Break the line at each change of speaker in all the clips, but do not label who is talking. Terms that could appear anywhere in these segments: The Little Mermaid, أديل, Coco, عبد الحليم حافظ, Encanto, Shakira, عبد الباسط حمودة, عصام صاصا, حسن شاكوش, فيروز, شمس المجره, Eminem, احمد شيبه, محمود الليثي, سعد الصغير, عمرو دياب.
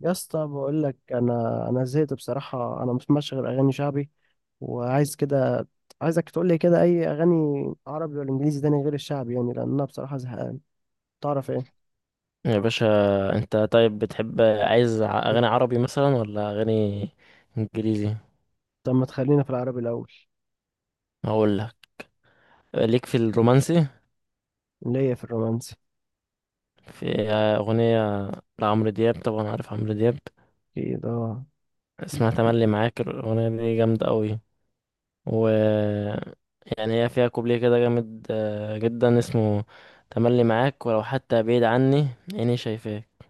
يا اسطى، بقول لك انا زهقت بصراحه. انا مش ماشي غير اغاني شعبي وعايز كده. عايزك تقول لي كده اي اغاني، عربي ولا انجليزي، تاني غير الشعبي يعني، لان انا بصراحه زهقان. تعرف ايه؟
يا باشا، انت طيب بتحب عايز اغاني عربي مثلا ولا اغاني انجليزي؟
طب ما تخلينا في العربي الاول.
هقول لك، ليك في الرومانسي
اللي هي في الرومانسي.
في اغنيه لعمرو دياب، طبعا عارف عمرو دياب.
اكيد اه.
اسمها تملي معاك، الاغنيه دي جامده قوي، و يعني هي فيها كوبليه كده جامد جدا، اسمه تملي معاك ولو حتى بعيد عني عيني شايفاك.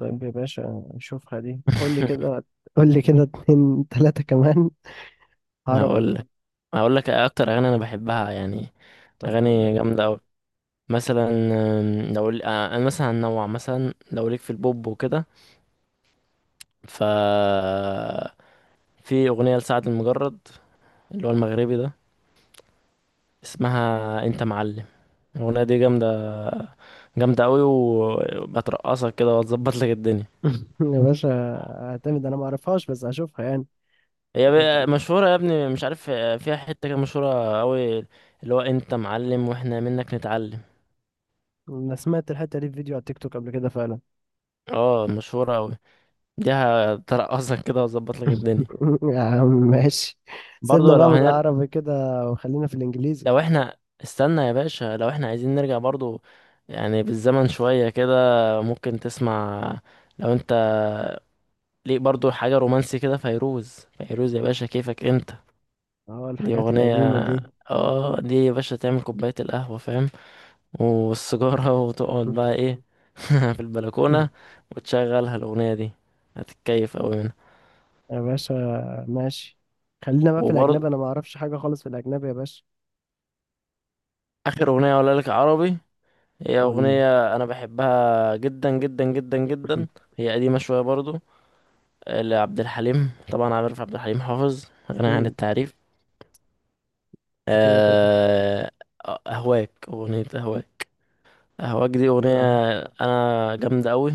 طيب يا باشا، شوفها دي، قول لي كده قول لي كده اتنين تلاته كمان عربي.
هقول لك هقول لك اكتر اغاني انا بحبها يعني،
طب قول لي يا
اغاني
حبيبي.
جامده. مثلا آم، لو ال- آه، انا مثلا هنوع، مثلا لو ليك في البوب وكده، ف في اغنيه لسعد المجرد اللي هو المغربي ده، اسمها انت معلم. الاغنيه دي جامده، جامده قوي، وبترقصك كده وتظبط لك الدنيا.
يا باشا، اعتمد. انا ما اعرفهاش بس هشوفها يعني.
هي بقى
طيب.
مشهوره يا ابني، مش عارف، فيها حته كده مشهوره قوي، اللي هو انت معلم واحنا منك نتعلم.
انا سمعت الحته دي في فيديو على التيك توك قبل كده فعلا.
اه مشهوره قوي، دي هترقصك كده وتظبط لك الدنيا.
يا عم ماشي. سيبنا
برضو
بقى
لو
من
هنرجع،
العربي كده وخلينا في الانجليزي.
لو احنا استنى يا باشا، لو احنا عايزين نرجع برضو يعني بالزمن شوية كده، ممكن تسمع، لو انت ليك برضو حاجة رومانسي كده، فيروز. فيروز يا باشا، كيفك انت!
اه،
دي
الحاجات
اغنية،
القديمة دي.
اه دي يا باشا تعمل كوباية القهوة، فاهم، والسيجارة، وتقعد بقى ايه، في البلكونة، وتشغلها الاغنية دي، هتتكيف اوي منها.
يا باشا، ماشي، خلينا بقى في الاجنبي.
وبرضو
انا ما اعرفش حاجة خالص في الاجنبي يا باشا.
اخر اغنية اقولها لك عربي، هي
قول
اغنية انا بحبها جدا جدا جدا
لي.
جدا. هي قديمة شوية برضو، لعبد الحليم، طبعا عارف عبد الحليم حافظ، غني عن
اكيد.
التعريف.
كده كده.
آه، أهواك، أغنية أهواك. أهواك دي أغنية
اه،
أنا جامدة أوي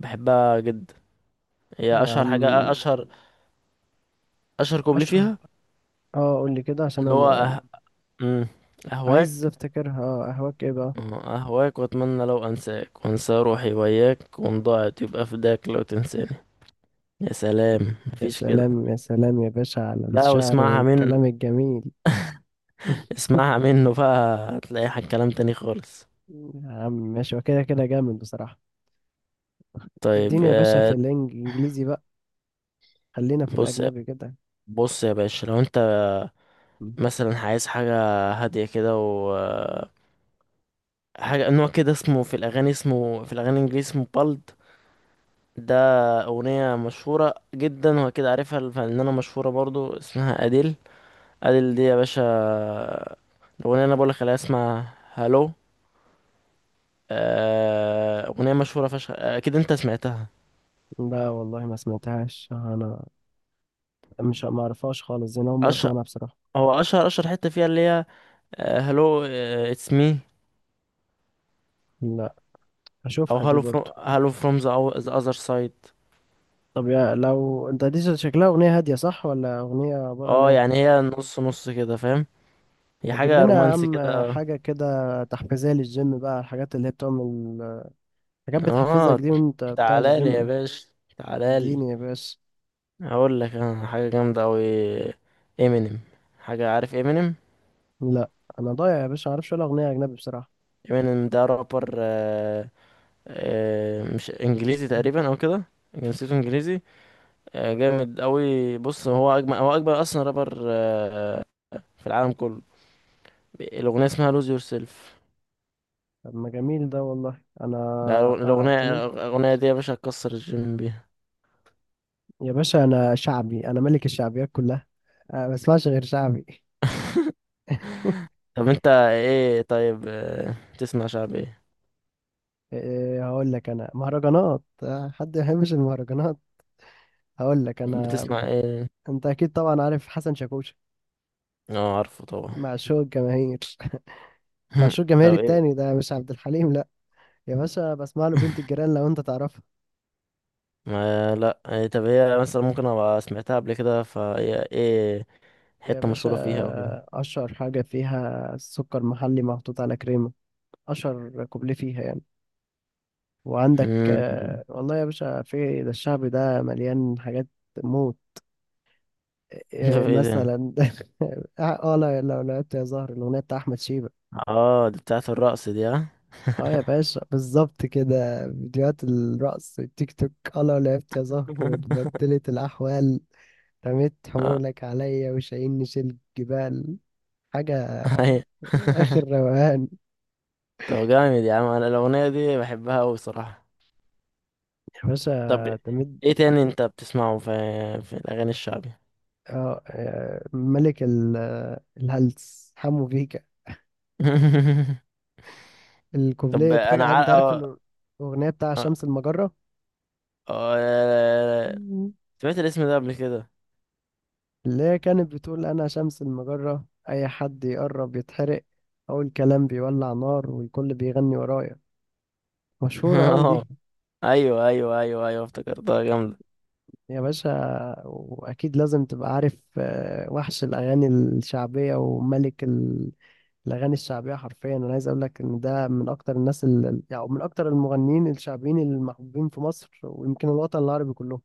وبحبها جدا. هي
يا
أشهر
عم.
حاجة، أشهر كوبلي
اشهر.
فيها،
اه، قول لي كده عشان انا
اللي هو
ما-
أه... مم،
عايز
أهواك.
افتكرها. اه قهوك ايه بقى؟
أهواك وأتمنى لو أنساك وأنسى روحي وياك، وإن ضاعت يبقى فداك لو تنساني. يا سلام،
يا
مفيش كده.
سلام يا سلام يا باشا على
لا،
الشعر
واسمعها من،
والكلام الجميل.
اسمعها منه بقى، هتلاقي كلام تاني خالص.
يا عم ماشي. وكده كده جامد بصراحة.
طيب
اديني يا باشا في الانجليزي بقى. خلينا في
بص،
الاجنبي كده.
بص يا باشا، لو انت
م.
مثلا عايز حاجة هادية كده، حاجة نوع كده اسمه في الأغاني، اسمه في الأغاني الإنجليزي اسمه بالد. ده أغنية مشهورة جدا وأكيد عارفها، الفنانة مشهورة برضو اسمها أديل. أديل دي يا باشا، الأغنية اللي أنا بقولك عليها اسمها هالو. أغنية مشهورة فشخ، أكيد أنت سمعتها.
لا والله ما سمعتهاش انا. مش ما اعرفهاش خالص، زي انا اول مره
أشهر
اسمعها بصراحه.
هو أشهر أشهر حتة فيها اللي هي هالو اتس مي،
لا،
أو
هشوفها دي
هالو فروم،
برضو.
هالو فروم ذا أذر سايد.
طب يا، لو انت دي شكلها اغنيه هاديه صح، ولا اغنيه عباره عن
اه
ايه؟
يعني هي نص نص كده، فاهم، هي
هتجيب
حاجة
لنا يا
رومانسي
عم
كده، اه
حاجه كده تحفيزيه للجيم بقى، الحاجات اللي هي بتعمل حاجات بتحفزك
اه.
دي وانت بتاع
تعالالي يا
الجيم.
باشا، تعالالي،
اديني يا باشا.
هقول لك انا حاجة جامدة اوي، امينيم. حاجة، عارف امينيم؟
لا. انا ضايع يا باشا، ما اعرفش ولا اغنيه اجنبي بصراحه.
امينيم ده رابر مش انجليزي
م.
تقريبا او كده، جنسيته انجليزي. آه جامد اوي، بص هو اجمل، هو اجمل اصلا رابر في العالم كله. الاغنية اسمها lose yourself،
طب ما جميل ده والله. انا
ده
هعتمد.
الاغنية دي يا باشا هتكسر الجيم بيها.
يا باشا انا شعبي، انا ملك الشعبيات كلها. أنا ما بسمعش غير شعبي.
طب انت ايه طيب تسمع شعب ايه،
إيه، هقول لك انا مهرجانات، حد ما يحبش المهرجانات؟ هقول لك انا.
بتسمع ايه؟
انت اكيد طبعا عارف حسن شاكوش.
اه عارفه طبعا.
معشوق الجماهير. معشوق الجماهير
طب ايه؟
التاني، ده مش عبد الحليم لا. يا باشا بسمع له بنت الجيران، لو انت تعرفها.
ما لا إيه، طب هي مثلا ممكن ابقى سمعتها قبل كده، فهي ايه ايه،
يا
حتة
باشا،
مشهورة فيها او كده؟
اشهر حاجه فيها سكر محلي محطوط على كريمه. اشهر كوبليه فيها يعني. وعندك،
مم.
والله يا باشا في ده الشعبي ده مليان حاجات موت. إيه
طب ايه ده؟
مثلا؟ اه، لا، لو لعبت يا زهر، الاغنيه بتاع احمد شيبه.
اه دي بتاعة الرقص دي، ها.
اه يا باشا، بالظبط كده، فيديوهات الرقص التيك توك. اه، لو لعبت يا زهر اتبدلت الاحوال، رميت
آه،
حمولك عليا وشايلني شيل جبال. حاجه
هي.
اخر روقان.
طب جامد يا عم، انا الاغنية دي بحبها اوي صراحة.
يا
طب
باشا تمد.
ايه تاني انت بتسمعه في في الاغاني الشعبي؟
ملك الهلس، حمو بيكا.
طب
الكوبليه
انا
فجأة، انت عارف؟
عارف،
الاغنيه بتاع شمس المجره،
سمعت الاسم ده قبل كده.
اللي هي كانت بتقول: أنا شمس المجرة، أي حد يقرب يتحرق. أول كلام بيولع نار والكل بيغني ورايا. مشهورة أوي
اه
دي
ايوه ايوه ايوه ايوه، افتكرتها جامدة.
يا باشا. وأكيد لازم تبقى عارف، وحش الأغاني الشعبية وملك الأغاني الشعبية. حرفيا أنا عايز أقول لك إن ده من أكتر الناس يعني من أكتر المغنيين الشعبيين المحبوبين في مصر، ويمكن الوطن العربي كله.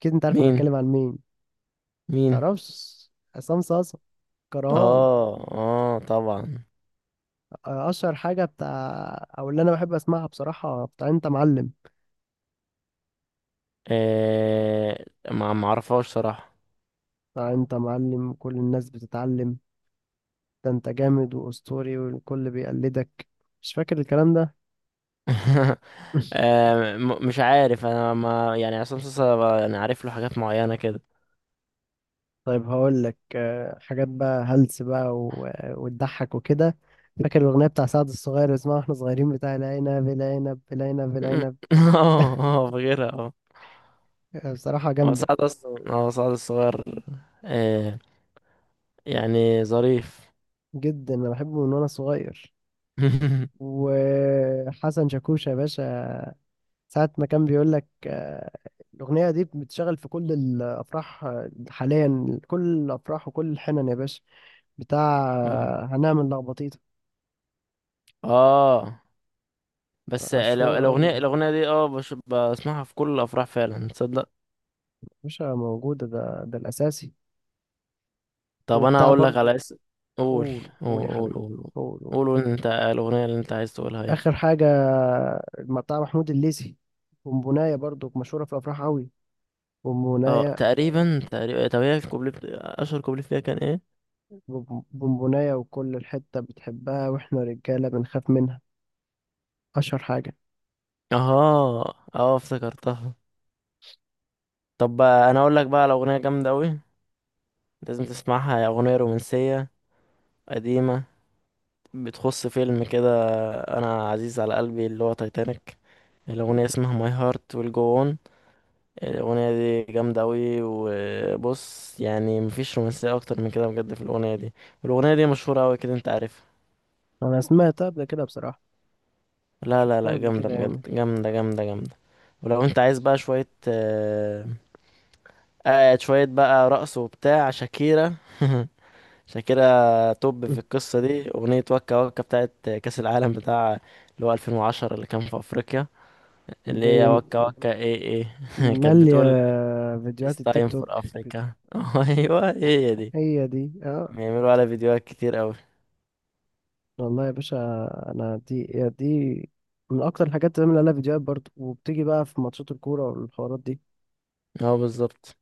أكيد أنت عارف أنا
مين؟
بتكلم عن مين.
مين؟
متعرفش؟ عصام صاصا كرهان.
اه اه طبعا.
اشهر حاجه بتاع، او اللي انا بحب اسمعها بصراحه، بتاع انت معلم.
آه ما ما اعرفهاش صراحة.
بتاع انت معلم كل الناس بتتعلم، ده انت جامد واسطوري والكل بيقلدك. مش فاكر الكلام ده؟
مش عارف انا، ما يعني عصام صاصا يعني عارف له حاجات معينة كده.
طيب، هقول لك حاجات بقى هلس بقى و- وتضحك وكده. فاكر الاغنيه بتاع سعد الصغير، اللي اسمها واحنا صغيرين، بتاع العنب العنب العنب العنب؟
اه اه فاكرها، اه.
بصراحه
هو
جامده
سعد اصلا، اه سعد الصغير، آه يعني ظريف.
جدا. انا بحبه من وانا صغير. وحسن شاكوش يا باشا، ساعة ما كان بيقول لك الأغنية دي بتشتغل في كل الأفراح، حاليا كل الأفراح وكل الحنن يا باشا. بتاع هنعمل لخبطيطة.
اه بس
مشهور أوي
الاغنية
يا
الاغنية دي اه بسمعها في كل الافراح فعلا، تصدق؟
باشا، موجودة. ده الأساسي.
طب انا
وبتاع
هقول لك
برضو.
على اسم. قول
قول قول يا
قول قول،
حبيبي.
قول
قول قول.
قول قول، انت الاغنيه اللي انت عايز تقولها ايه؟
آخر حاجة، بتاع محمود الليثي. بونبوناية، برضو مشهورة في الأفراح أوي.
اه
بونبوناية.
تقريبا تقريبا، طب هي الكوبليه اشهر كوبليه فيها كان ايه؟
بونبوناية، وكل الحتة بتحبها وإحنا رجالة بنخاف منها. أشهر حاجة.
اه اه افتكرتها. طب بقى انا اقول لك بقى على اغنيه جامده قوي، لازم تسمعها، هي اغنيه رومانسيه قديمه، بتخص فيلم كده انا عزيز على قلبي اللي هو تايتانيك. الاغنيه اسمها ماي هارت ويل جو اون. الأغنية دي جامدة أوي، وبص يعني مفيش رومانسية أكتر من كده بجد في الأغنية دي. والأغنية دي مشهورة أوي كده، أنت عارفها.
أنا سمعتها قبل كده بصراحة.
لا لا
شفتها
لا،
قبل
جامدة
كده
بجد،
يعني.
جامدة جامدة جامدة. ولو أنت عايز بقى شوية شوية بقى رقص وبتاع، شاكيرا. شاكيرا توب في
مم.
القصة دي، أغنية وكا وكا بتاعت كأس العالم، بتاع اللي هو 2010 اللي كان في أفريقيا، اللي
دي
هي وكا وكا إيه إيه. كانت
مالية
بتقول It's
فيديوهات التيك
time
توك.
for
بت-
Africa. أيوه هي دي،
هي دي اه.
بيعملوا على فيديوهات كتير أوي.
والله يا باشا، انا دي يا دي من اكتر الحاجات اللي بعمل لها فيديوهات برضه، وبتيجي بقى في ماتشات الكورة والحوارات دي.
اه بالظبط.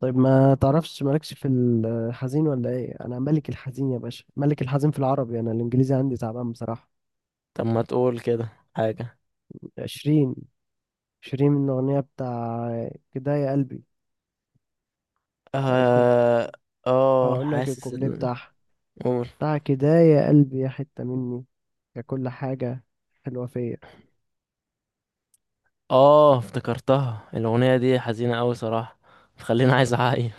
طيب، ما تعرفش مالكش في الحزين ولا ايه؟ انا ملك الحزين يا باشا، ملك الحزين في العربي. انا الانجليزي عندي تعبان بصراحة.
طب ما تقول كده حاجة.
عشرين عشرين من الاغنية بتاع كده يا قلبي. الكوب
اه اه
هقول لك
حاسس
الكوبليه بتاعها.
قول.
دعك ده يا قلبي، يا حتة مني، يا كل حاجة حلوة فيا.
اه افتكرتها، الأغنية دي حزينة أوي صراحة، بتخليني عايز أعيط.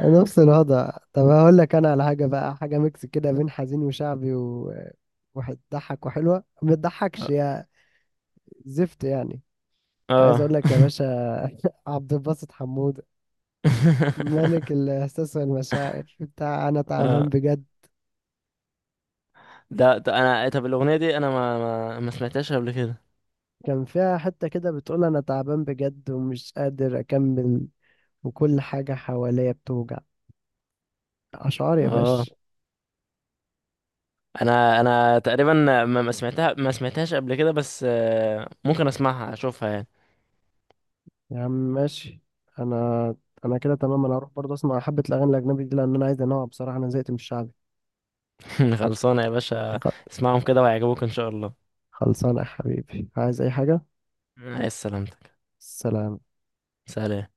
نفس الوضع. طب هقول لك انا على حاجة بقى، حاجة ميكس كده بين حزين وشعبي، و وهتضحك وحلوة. ما تضحكش يا زفت يعني. عايز
اه.
اقول لك يا باشا، عبد الباسط حمودة. ملك الاحساس والمشاعر بتاع انا تعبان
اه،
بجد.
ده انا طب الاغنيه دي انا ما سمعتهاش قبل كده.
كان فيها حتة كده بتقول: انا تعبان بجد ومش قادر اكمل، وكل حاجة حواليا بتوجع. اشعار يا
اه
باشا.
انا انا تقريبا ما سمعتهاش قبل كده، بس ممكن اسمعها اشوفها يعني.
يا عم ماشي. انا انا كده تمام. انا هروح برضه اسمع حبة الاغاني الاجنبي دي، لان انا عايز انوع بصراحة. انا زهقت من الشعبي.
خلصانه يا باشا،
خ-
اسمعهم كده وهيعجبوك ان شاء الله.
خلصانه يا حبيبي. عايز اي حاجة؟
عايز؟ سلامتك.
سلام.
سلام.